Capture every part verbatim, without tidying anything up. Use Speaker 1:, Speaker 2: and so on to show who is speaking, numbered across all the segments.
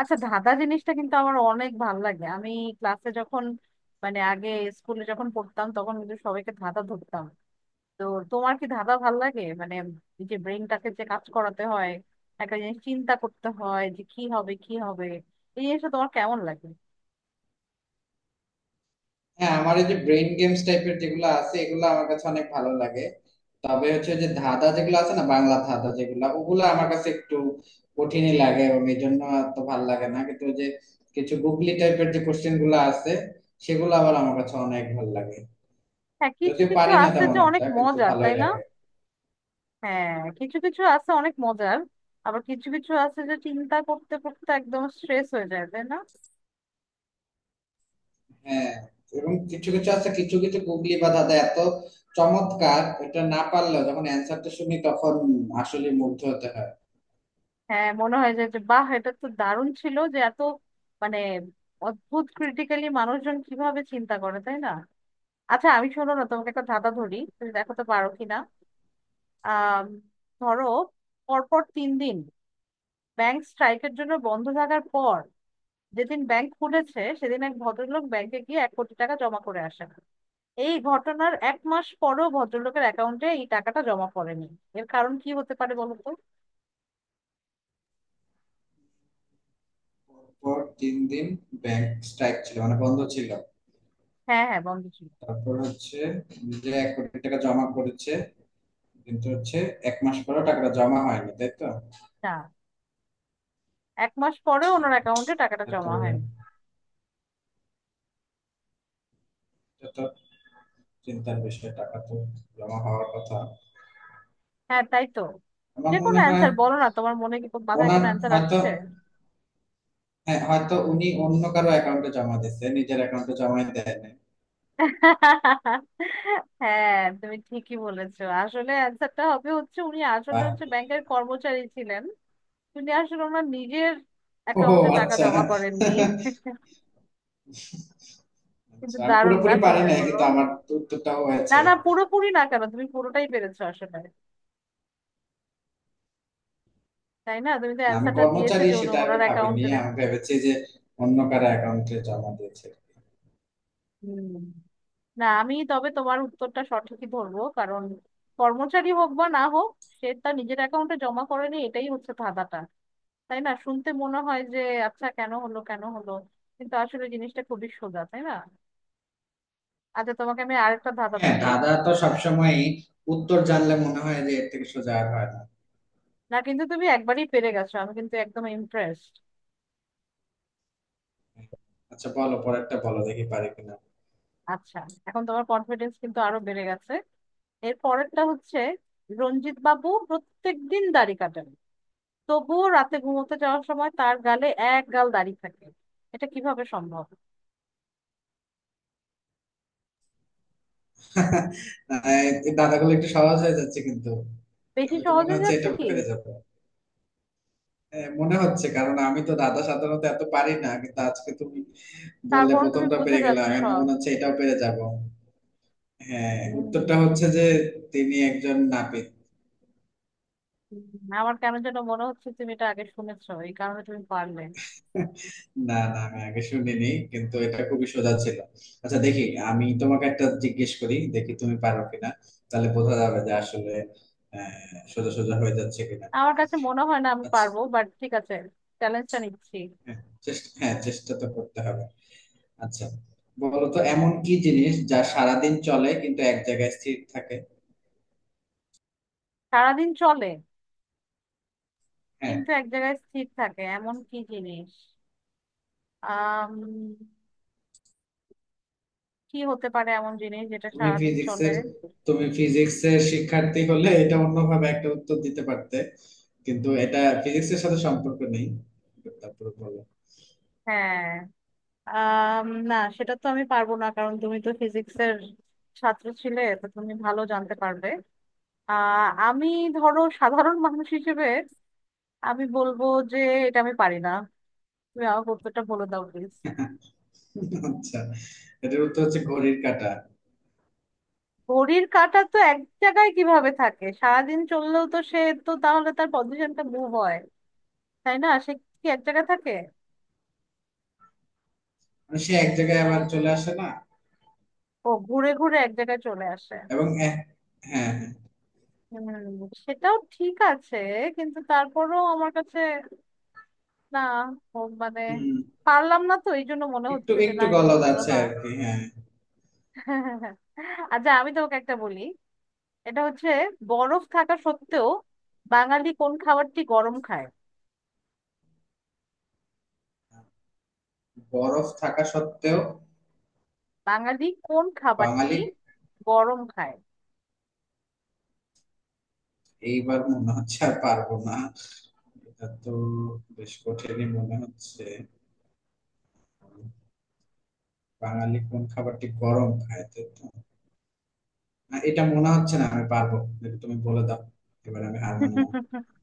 Speaker 1: আচ্ছা, ধাঁধা জিনিসটা কিন্তু আমার অনেক ভালো লাগে। আমি ক্লাসে যখন মানে আগে স্কুলে যখন পড়তাম, তখন কিন্তু সবাইকে ধাঁধা ধরতাম। তো তোমার কি ধাঁধা ভাল লাগে? মানে এই যে ব্রেনটাকে যে কাজ করাতে হয়, একটা জিনিস চিন্তা করতে হয় যে কি হবে কি হবে, এই জিনিসটা তোমার কেমন লাগে?
Speaker 2: হ্যাঁ, আমার এই যে ব্রেন গেমস টাইপের যেগুলো আছে, এগুলো আমার কাছে অনেক ভালো লাগে। তবে হচ্ছে যে ধাঁধা যেগুলো আছে না, বাংলা ধাঁধা যেগুলো, ওগুলো আমার কাছে একটু কঠিনই লাগে, এবং এই জন্য তো ভালো লাগে না। কিন্তু ওই যে কিছু গুগলি টাইপের যে কোশ্চেন গুলো আছে, সেগুলো আবার আমার কাছে অনেক ভালো লাগে।
Speaker 1: হ্যাঁ, কিছু
Speaker 2: যদিও
Speaker 1: কিছু
Speaker 2: পারি না
Speaker 1: আছে
Speaker 2: তেমন
Speaker 1: যে অনেক
Speaker 2: একটা, কিন্তু
Speaker 1: মজার, তাই
Speaker 2: ভালোই
Speaker 1: না?
Speaker 2: লাগে।
Speaker 1: হ্যাঁ, কিছু কিছু আছে অনেক মজার। আবার কিছু কিছু আছে যে চিন্তা করতে করতে একদম স্ট্রেস হয়ে যায়, তাই না?
Speaker 2: হ্যাঁ। এবং কিছু কিছু আছে, কিছু কিছু গুগলি বা ধাঁধা এত চমৎকার, এটা না পারলেও যখন অ্যান্সারটা শুনি তখন আসলে মুগ্ধ হতে হয়।
Speaker 1: হ্যাঁ, মনে হয় যে যে বাহ, এটা তো দারুণ ছিল, যে এত মানে অদ্ভুত, ক্রিটিক্যালি মানুষজন কিভাবে চিন্তা করে, তাই না? আচ্ছা, আমি শোনো না, তোমাকে একটা ধাঁধা ধরি, তুমি দেখাতে পারো কিনা। আহ ধরো, পরপর তিন দিন ব্যাংক স্ট্রাইকের জন্য বন্ধ থাকার পর যেদিন ব্যাংক খুলেছে, সেদিন এক ভদ্রলোক ব্যাংকে গিয়ে এক কোটি টাকা জমা করে আসেন। এই ঘটনার এক মাস পরেও ভদ্রলোকের অ্যাকাউন্টে এই টাকাটা জমা পড়েনি। এর কারণ কি হতে পারে বলো তো?
Speaker 2: পর তিন দিন ব্যাংক স্ট্রাইক ছিল, মানে বন্ধ ছিল।
Speaker 1: হ্যাঁ হ্যাঁ, বন্ধ ছিল।
Speaker 2: তারপর হচ্ছে যে এক কোটি টাকা জমা করেছে, কিন্তু হচ্ছে এক মাস পরেও টাকাটা জমা হয়নি, তাই তো?
Speaker 1: না, এক মাস পরে ওনার অ্যাকাউন্টে টাকাটা
Speaker 2: এত
Speaker 1: জমা হয়নি।
Speaker 2: এত চিন্তার বিষয়, টাকা তো জমা হওয়ার কথা।
Speaker 1: হ্যাঁ, তাই তো। যে
Speaker 2: আমার
Speaker 1: কোনো
Speaker 2: মনে হয়
Speaker 1: অ্যান্সার বলো না, তোমার মনে কি মাথায়
Speaker 2: ওনার
Speaker 1: কোনো অ্যান্সার
Speaker 2: হয়তো,
Speaker 1: আসছে?
Speaker 2: হ্যাঁ, হয়তো উনি অন্য কারো অ্যাকাউন্টে জমা দিচ্ছে, নিজের অ্যাকাউন্টে জমা দেয় নাই।
Speaker 1: হ্যাঁ, তুমি ঠিকই বলেছো। আসলে অ্যান্সারটা হবে হচ্ছে, উনি আসলে
Speaker 2: বাহ।
Speaker 1: হচ্ছে ব্যাংকের কর্মচারী ছিলেন। উনি আসলে ওনার নিজের
Speaker 2: ও,
Speaker 1: অ্যাকাউন্টে টাকা
Speaker 2: আচ্ছা।
Speaker 1: জমা করেননি। কিন্তু
Speaker 2: আচ্ছা, আমি
Speaker 1: দারুণ না,
Speaker 2: পুরোপুরি পারি
Speaker 1: চিন্তা
Speaker 2: নাই,
Speaker 1: করো।
Speaker 2: কিন্তু আমার উত্তরটাও
Speaker 1: না
Speaker 2: হয়েছে।
Speaker 1: না, পুরোপুরি না কেন, তুমি পুরোটাই পেরেছো আসলে। তাই না? তুমি তো
Speaker 2: না, আমি
Speaker 1: অ্যান্সারটা দিয়েছো
Speaker 2: কর্মচারী
Speaker 1: যে উনি
Speaker 2: সেটা আর কি
Speaker 1: ওনার
Speaker 2: ভাবিনি,
Speaker 1: অ্যাকাউন্টে।
Speaker 2: আমি ভেবেছি যে অন্য কারো অ্যাকাউন্টে জমা দিয়েছে।
Speaker 1: না, আমি তবে তোমার উত্তরটা সঠিকই ধরবো, কারণ কর্মচারী হোক বা না হোক, সে তার নিজের অ্যাকাউন্টে জমা করেনি, এটাই হচ্ছে ধাঁধাটা। তাই না? শুনতে মনে হয় যে আচ্ছা, কেন হলো কেন হলো, কিন্তু আসলে জিনিসটা খুবই সোজা, তাই না? আচ্ছা, তোমাকে আমি আরেকটা ধাঁধা
Speaker 2: হ্যাঁ
Speaker 1: ধরি।
Speaker 2: দাদা, তো সবসময় উত্তর জানলে মনে হয় যে এর থেকে সোজা আর হয় না।
Speaker 1: না কিন্তু, তুমি একবারই পেরে গেছো, আমি কিন্তু একদম ইমপ্রেসড।
Speaker 2: আচ্ছা, বলো পরেরটা, বলো দেখি পারি কিনা।
Speaker 1: আচ্ছা, এখন তোমার কনফিডেন্স কিন্তু আরো বেড়ে গেছে। এর পরেরটা হচ্ছে, রঞ্জিত বাবু প্রত্যেকদিন দাড়ি কাটেন, তবুও রাতে ঘুমোতে যাওয়ার সময় তার গালে এক গাল দাড়ি থাকে। এটা কিভাবে সম্ভব?
Speaker 2: না, এই দাদাগুলো একটু সহজ হয়ে যাচ্ছে কিন্তু।
Speaker 1: বেশি
Speaker 2: আমি তো
Speaker 1: সহজ
Speaker 2: মনে
Speaker 1: হয়ে
Speaker 2: হচ্ছে
Speaker 1: যাচ্ছে
Speaker 2: এটা
Speaker 1: কি?
Speaker 2: পেরে যাবো। হ্যাঁ মনে হচ্ছে, কারণ আমি তো দাদা সাধারণত এত পারি না, কিন্তু আজকে তুমি বললে
Speaker 1: তারপরে তুমি
Speaker 2: প্রথমটা
Speaker 1: বুঝে
Speaker 2: পেরে
Speaker 1: যাচ্ছ
Speaker 2: গেলাম, এখন তো
Speaker 1: সব।
Speaker 2: মনে হচ্ছে এটাও পেরে যাব। হ্যাঁ, উত্তরটা
Speaker 1: হম
Speaker 2: হচ্ছে যে তিনি একজন নাপিত।
Speaker 1: আমার কেন যেন মনে হচ্ছে তুমি এটা আগে শুনেছো, এই কারণে তুমি পারলে।
Speaker 2: না না, আমি আগে শুনিনি, কিন্তু এটা খুবই সোজা ছিল। আচ্ছা দেখি, আমি তোমাকে একটা জিজ্ঞেস করি, দেখি তুমি পারো কিনা। তাহলে বোঝা যাবে যে আসলে আহ, সোজা সোজা হয়ে যাচ্ছে কিনা।
Speaker 1: আমার কাছে মনে হয় না আমি
Speaker 2: আচ্ছা।
Speaker 1: পারবো, বাট ঠিক আছে, চ্যালেঞ্জটা নিচ্ছি।
Speaker 2: হ্যাঁ, চেষ্টা হ্যাঁ চেষ্টা তো করতে হবে। আচ্ছা, বলো তো এমন কি জিনিস যা সারাদিন চলে কিন্তু এক জায়গায় স্থির থাকে।
Speaker 1: সারাদিন চলে
Speaker 2: হ্যাঁ।
Speaker 1: কিন্তু এক জায়গায় স্থির থাকে, এমন কি জিনিস? আহ কি হতে পারে এমন জিনিস যেটা
Speaker 2: তুমি
Speaker 1: সারাদিন চলে?
Speaker 2: ফিজিক্সের তুমি ফিজিক্সের শিক্ষার্থী হলে এটা অন্যভাবে একটা উত্তর দিতে পারতে, কিন্তু এটা ফিজিক্সের সাথে সম্পর্ক নেই। তারপরে বলো।
Speaker 1: হ্যাঁ। আম, না, সেটা তো আমি পারবো না, কারণ তুমি তো ফিজিক্সের ছাত্র ছিলে, তো তুমি ভালো জানতে পারবে। আহ আমি ধরো সাধারণ মানুষ হিসেবে আমি বলবো যে এটা আমি পারি না। তুমি আমাকে উত্তরটা বলে দাও প্লিজ।
Speaker 2: আচ্ছা, এটার উত্তর হচ্ছে ঘড়ির কাঁটা।
Speaker 1: ঘড়ির কাঁটা তো এক জায়গায় কিভাবে থাকে? সারাদিন চললেও তো সে, তো তাহলে তার পজিশনটা মুভ হয়, তাই না? সে কি এক জায়গায় থাকে?
Speaker 2: মানে সে এক জায়গায় আবার চলে আসে না?
Speaker 1: ও, ঘুরে ঘুরে এক জায়গায় চলে আসে।
Speaker 2: এবং এ- হ্যাঁ হ্যাঁ।
Speaker 1: হুম, সেটাও ঠিক আছে, কিন্তু তারপরও আমার কাছে, না, ও মানে
Speaker 2: হুম।
Speaker 1: পারলাম না, তো এই জন্য মনে
Speaker 2: একটু
Speaker 1: হচ্ছে যে না,
Speaker 2: একটু
Speaker 1: এটা তো
Speaker 2: গলদ
Speaker 1: হলো
Speaker 2: আছে
Speaker 1: না।
Speaker 2: আর কি, হ্যাঁ।
Speaker 1: আচ্ছা, আমি তোমাকে একটা বলি। এটা হচ্ছে, বরফ থাকা সত্ত্বেও বাঙালি কোন খাবারটি গরম খায়?
Speaker 2: বরফ থাকা সত্ত্বেও
Speaker 1: বাঙালি কোন খাবারটি
Speaker 2: বাঙালি।
Speaker 1: গরম খায়?
Speaker 2: এইবার মনে হচ্ছে আর পারবো না। এটা তো বেশ কঠিনই মনে হচ্ছে। বাঙালি কোন খাবারটি গরম খায়, তাই তো? না, এটা মনে হচ্ছে না আমি পারবো। যদি তুমি বলে দাও, এবার আমি হার মানলাম।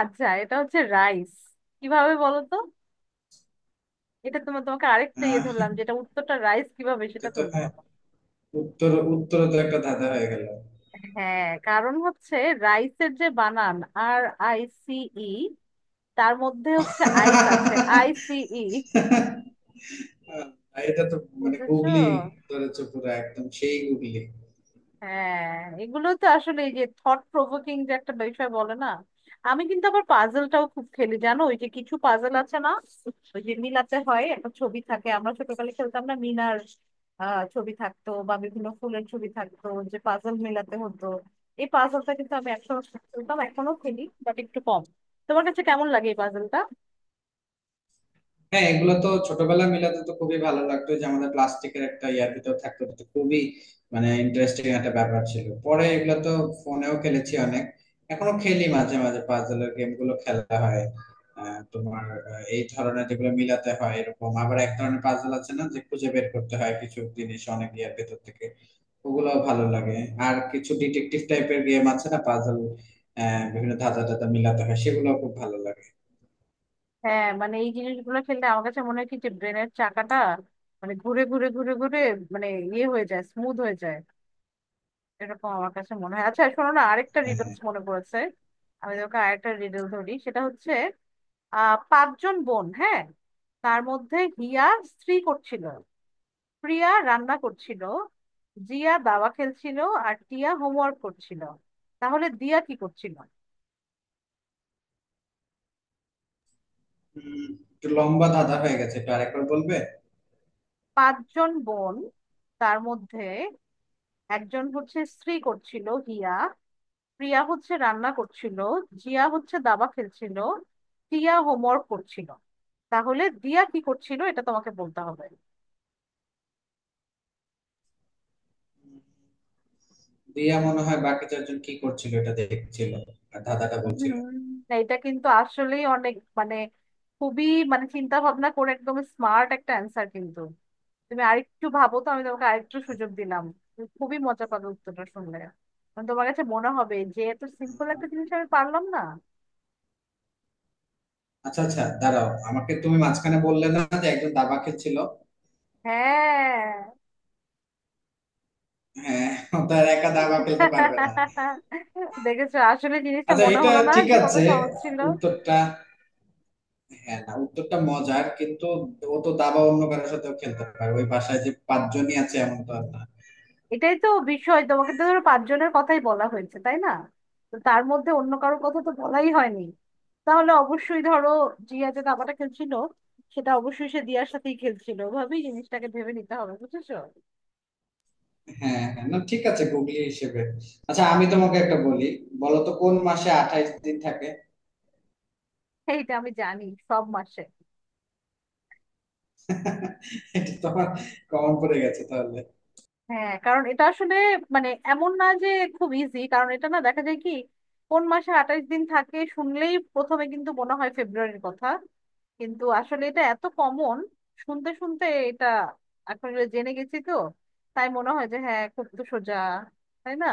Speaker 1: আচ্ছা, এটা হচ্ছে রাইস। কিভাবে বলো তো? এটা তোমার তোমাকে আরেকটা ইয়ে
Speaker 2: আহ,
Speaker 1: ধরলাম, যেটা উত্তরটা রাইস, কিভাবে সেটা
Speaker 2: এটা তো,
Speaker 1: তুমি
Speaker 2: হ্যাঁ,
Speaker 1: বলো।
Speaker 2: উত্তর উত্তর তো একটা ধাঁধা হয়ে গেল।
Speaker 1: হ্যাঁ, কারণ হচ্ছে রাইসের যে বানান, আর আই সি ই, তার মধ্যে হচ্ছে আইস আছে, আইসিই।
Speaker 2: এটা তো মানে
Speaker 1: বুঝেছো?
Speaker 2: গুগলি, ধরেছে পুরো একদম সেই গুগলি।
Speaker 1: হ্যাঁ, এগুলো তো আসলে এই যে থট প্রভোকিং যে একটা বিষয় বলে না। আমি কিন্তু আবার পাজলটাও খুব খেলি জানো, ওই যে কিছু পাজল আছে না, ওই যে মিলাতে হয়, একটা ছবি থাকে, আমরা ছোটকালে খেলতাম না মিনার, আহ ছবি থাকতো বা বিভিন্ন ফুলের ছবি থাকতো, যে পাজল মিলাতে হতো। এই পাজলটা কিন্তু আমি একসময় খেলতাম, এখনো খেলি বাট একটু কম। তোমার কাছে কেমন লাগে এই পাজলটা?
Speaker 2: হ্যাঁ, এগুলো তো ছোটবেলায় মিলাতে তো খুবই ভালো লাগতো, যে আমাদের প্লাস্টিকের একটা ইয়ার ভিতর থাকতো, এটা তো খুবই মানে ইন্টারেস্টিং একটা ব্যাপার ছিল। পরে এগুলো তো ফোনেও খেলেছি অনেক। এখনো খেলি মাঝে মাঝে, পাজলের গেম গুলো খেলা হয়। আহ, তোমার আহ, এই ধরনের যেগুলো মিলাতে হয়, এরকম আবার এক ধরনের পাজল আছে না, যে খুঁজে বের করতে হয় কিছু জিনিস অনেক ইয়ার ভেতর থেকে, ওগুলো ভালো লাগে। আর কিছু ডিটেকটিভ টাইপের গেম আছে না, পাজল, বিভিন্ন ধাঁধা টাধা মিলাতে হয়, সেগুলো খুব ভালো লাগে।
Speaker 1: হ্যাঁ, মানে এই জিনিসগুলো খেললে আমার কাছে মনে হয় কি, যে ব্রেনের চাকাটা মানে ঘুরে ঘুরে ঘুরে ঘুরে মানে ইয়ে হয়ে যায়, স্মুথ হয়ে যায়, এরকম আমার কাছে মনে হয়। আচ্ছা শোনো না, আরেকটা
Speaker 2: হ্যাঁ
Speaker 1: রিডলস
Speaker 2: হ্যাঁ।
Speaker 1: মনে পড়েছে। আমি তোকে আরেকটা রিডল ধরি, সেটা হচ্ছে, আহ পাঁচজন বোন, হ্যাঁ, তার মধ্যে হিয়া স্ত্রী করছিল, প্রিয়া রান্না করছিল, জিয়া দাবা খেলছিল, আর টিয়া হোমওয়ার্ক করছিল। তাহলে দিয়া কি করছিল?
Speaker 2: উম, একটু লম্বা ধাঁধা হয়ে গেছে, একটু আরেকবার বলবে?
Speaker 1: পাঁচজন বোন, তার মধ্যে একজন হচ্ছে স্ত্রী করছিল হিয়া, প্রিয়া হচ্ছে রান্না করছিল, জিয়া হচ্ছে দাবা খেলছিল, টিয়া হোমওয়ার্ক করছিল, তাহলে দিয়া কি করছিল, এটা তোমাকে বলতে হবে।
Speaker 2: দিয়া মনে হয় বাকি চারজন কি করছিল এটা দেখছিল, আর ধাঁধাটা
Speaker 1: হুম,
Speaker 2: বলছিল।
Speaker 1: না, এটা কিন্তু আসলেই অনেক মানে খুবই মানে চিন্তা ভাবনা করে একদম স্মার্ট একটা অ্যান্সার, কিন্তু তুমি আরেকটু ভাবো তো, আমি তোমাকে আরেকটু সুযোগ দিলাম। তুমি খুবই মজা পাবে উত্তরটা শুনলে। মানে তোমার কাছে মনে হবে যে এত সিম্পল একটা জিনিস আমি পারলাম না।
Speaker 2: আচ্ছা আচ্ছা, দাঁড়াও, আমাকে তুমি মাঝখানে বললে না যে একজন দাবা খেলছিল?
Speaker 1: হ্যাঁ।
Speaker 2: হ্যাঁ, তার একা দাবা খেলতে পারবে না।
Speaker 1: দেখেছো আসলে জিনিসটা,
Speaker 2: আচ্ছা,
Speaker 1: মনে
Speaker 2: এটা
Speaker 1: হলো না
Speaker 2: ঠিক
Speaker 1: যে কত
Speaker 2: আছে,
Speaker 1: সহজ ছিল।
Speaker 2: উত্তরটা, হ্যাঁ না, উত্তরটা মজার কিন্তু, ও তো দাবা অন্য কারোর সাথেও খেলতে পারে, ওই বাসায় যে পাঁচজনই আছে এমন তো আর না।
Speaker 1: এটাই তো বিষয়, তোমাকে তো ধরো পাঁচজনের কথাই বলা হয়েছে, তাই না? তো তার মধ্যে অন্য কারো কথা তো বলাই হয়নি, তাহলে অবশ্যই ধরো, জিয়া যে দাবাটা খেলছিল, সেটা অবশ্যই সে দিয়ার সাথেই খেলছিল, ওভাবেই জিনিসটাকে ভেবে নিতে হবে, বুঝেছো?
Speaker 2: হ্যাঁ হ্যাঁ, না ঠিক আছে, গুগলি হিসেবে। আচ্ছা, আমি তোমাকে একটা বলি, বলো তো কোন মাসে আঠাইশ দিন থাকে।
Speaker 1: এইটা আমি জানি, সব মাসে।
Speaker 2: এটা তো আমার কমন পড়ে গেছে তাহলে।
Speaker 1: হ্যাঁ, কারণ এটা আসলে মানে এমন না যে খুব ইজি, কারণ এটা না দেখা যায় কি, কোন মাসে আঠাশ দিন থাকে শুনলেই প্রথমে কিন্তু মনে হয় ফেব্রুয়ারির কথা, কিন্তু আসলে এটা এত কমন, শুনতে শুনতে এটা, এখন এটা জেনে গেছি তো, তাই মনে হয় যে হ্যাঁ খুব তো সোজা, তাই না?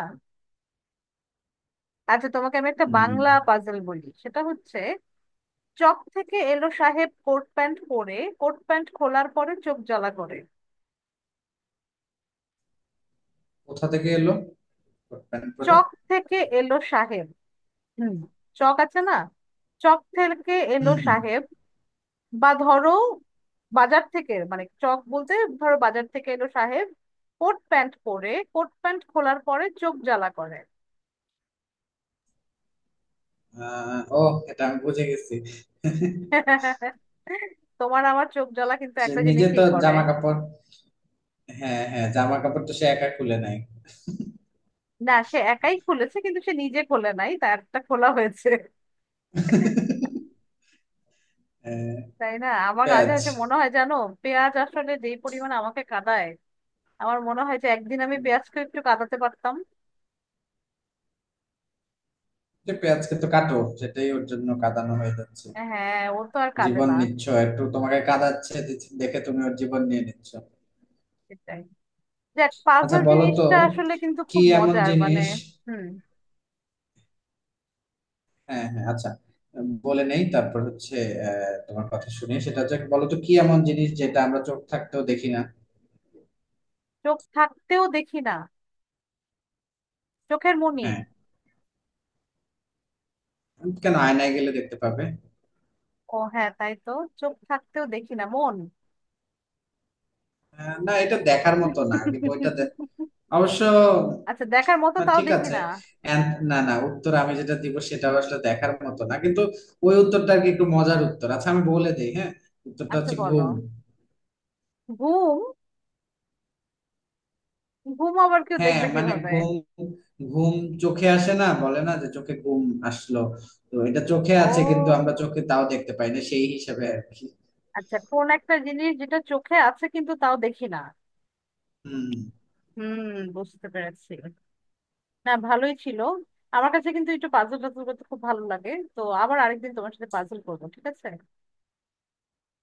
Speaker 1: আচ্ছা, তোমাকে আমি একটা
Speaker 2: হুম।
Speaker 1: বাংলা পাজল বলি, সেটা হচ্ছে চক থেকে এলো সাহেব কোট প্যান্ট পরে, কোট প্যান্ট খোলার পরে চোখ জ্বালা করে।
Speaker 2: কোথা থেকে এলো, প্যান্ট পরে?
Speaker 1: চক থেকে এলো সাহেব। হুম, চক আছে না, চক থেকে এলো
Speaker 2: হুম হুম।
Speaker 1: সাহেব, বা ধরো বাজার থেকে, মানে চক বলতে ধরো বাজার থেকে এলো সাহেব, কোট প্যান্ট পরে, কোট প্যান্ট খোলার পরে চোখ জ্বালা করে।
Speaker 2: আহ, ও, এটা আমি বুঝে গেছি।
Speaker 1: তোমার আমার চোখ জ্বালা কিন্তু
Speaker 2: সে
Speaker 1: একটা
Speaker 2: নিজে
Speaker 1: জিনিসই
Speaker 2: তো
Speaker 1: করে।
Speaker 2: জামা কাপড়, হ্যাঁ হ্যাঁ, জামা কাপড় তো সে একা খুলে নাই।
Speaker 1: না, সে একাই খুলেছে, কিন্তু সে নিজে খোলে নাই, তারটা খোলা হয়েছে।
Speaker 2: হ্যাঁ।
Speaker 1: তাই না? আমার কাছে
Speaker 2: পেঁয়াজ।
Speaker 1: হচ্ছে মনে হয় জানো, পেঁয়াজ আসলে যেই পরিমাণে আমাকে কাঁদায়, আমার মনে হয় যে একদিন আমি
Speaker 2: হুম,
Speaker 1: পেঁয়াজকে একটু কাঁদাতে পারতাম।
Speaker 2: যে পেঁয়াজকে তো কাটো, সেটাই ওর জন্য কাঁদানো হয়ে যাচ্ছে।
Speaker 1: হ্যাঁ, ও তো আর কাঁদে
Speaker 2: জীবন
Speaker 1: না।
Speaker 2: নিচ্ছ, একটু তোমাকে কাঁদাচ্ছে দেখে তুমি ওর জীবন নিয়ে নিচ্ছ।
Speaker 1: সেটাই। দেখ,
Speaker 2: আচ্ছা
Speaker 1: পাজল
Speaker 2: বলো তো,
Speaker 1: জিনিসটা আসলে কিন্তু
Speaker 2: কি
Speaker 1: খুব
Speaker 2: এমন
Speaker 1: মজার, মানে
Speaker 2: জিনিস।
Speaker 1: হুম।
Speaker 2: হ্যাঁ হ্যাঁ, আচ্ছা। বলে নেই, তারপর হচ্ছে আহ, তোমার কথা শুনে সেটা হচ্ছে, বলো তো কি এমন জিনিস যেটা আমরা চোখ থাকতেও দেখি না।
Speaker 1: চোখ থাকতেও দেখি না। চোখের মনি।
Speaker 2: হ্যাঁ। কেন, আয়নায় গেলে দেখতে পাবে।
Speaker 1: ও হ্যাঁ তাই তো। চোখ থাকতেও দেখি না, মন।
Speaker 2: আহ, না, এটা দেখার মতো না, কিন্তু ওইটা দে- অবশ্য,
Speaker 1: আচ্ছা, দেখার মতো
Speaker 2: না
Speaker 1: তাও
Speaker 2: ঠিক
Speaker 1: দেখি
Speaker 2: আছে।
Speaker 1: না।
Speaker 2: And- না না, উত্তর আমি যেটা দিব সেটা আসলে দেখার মতো না, কিন্তু ওই উত্তরটা আর কি একটু মজার উত্তর। আচ্ছা আমি বলে দিই, হ্যাঁ, উত্তরটা
Speaker 1: আচ্ছা
Speaker 2: হচ্ছে
Speaker 1: বলো।
Speaker 2: ঘুম।
Speaker 1: ঘুম। ঘুম আবার কেউ
Speaker 2: হ্যাঁ
Speaker 1: দেখবে
Speaker 2: মানে
Speaker 1: কিভাবে?
Speaker 2: ঘুম, ঘুম চোখে আসে না, বলে না যে চোখে ঘুম আসলো? তো এটা চোখে আছে, কিন্তু
Speaker 1: ও,
Speaker 2: আমরা চোখে তাও দেখতে পাই না, সেই হিসাবে আর কি।
Speaker 1: আচ্ছা, কোন একটা জিনিস যেটা চোখে আছে কিন্তু তাও দেখি না।
Speaker 2: হম।
Speaker 1: হুম, বুঝতে পেরেছি। না, ভালোই ছিল। আমার কাছে কিন্তু একটু পাজল টাজল করতে খুব ভালো লাগে, তো আবার আরেকদিন তোমার সাথে পাজল করবো, ঠিক আছে?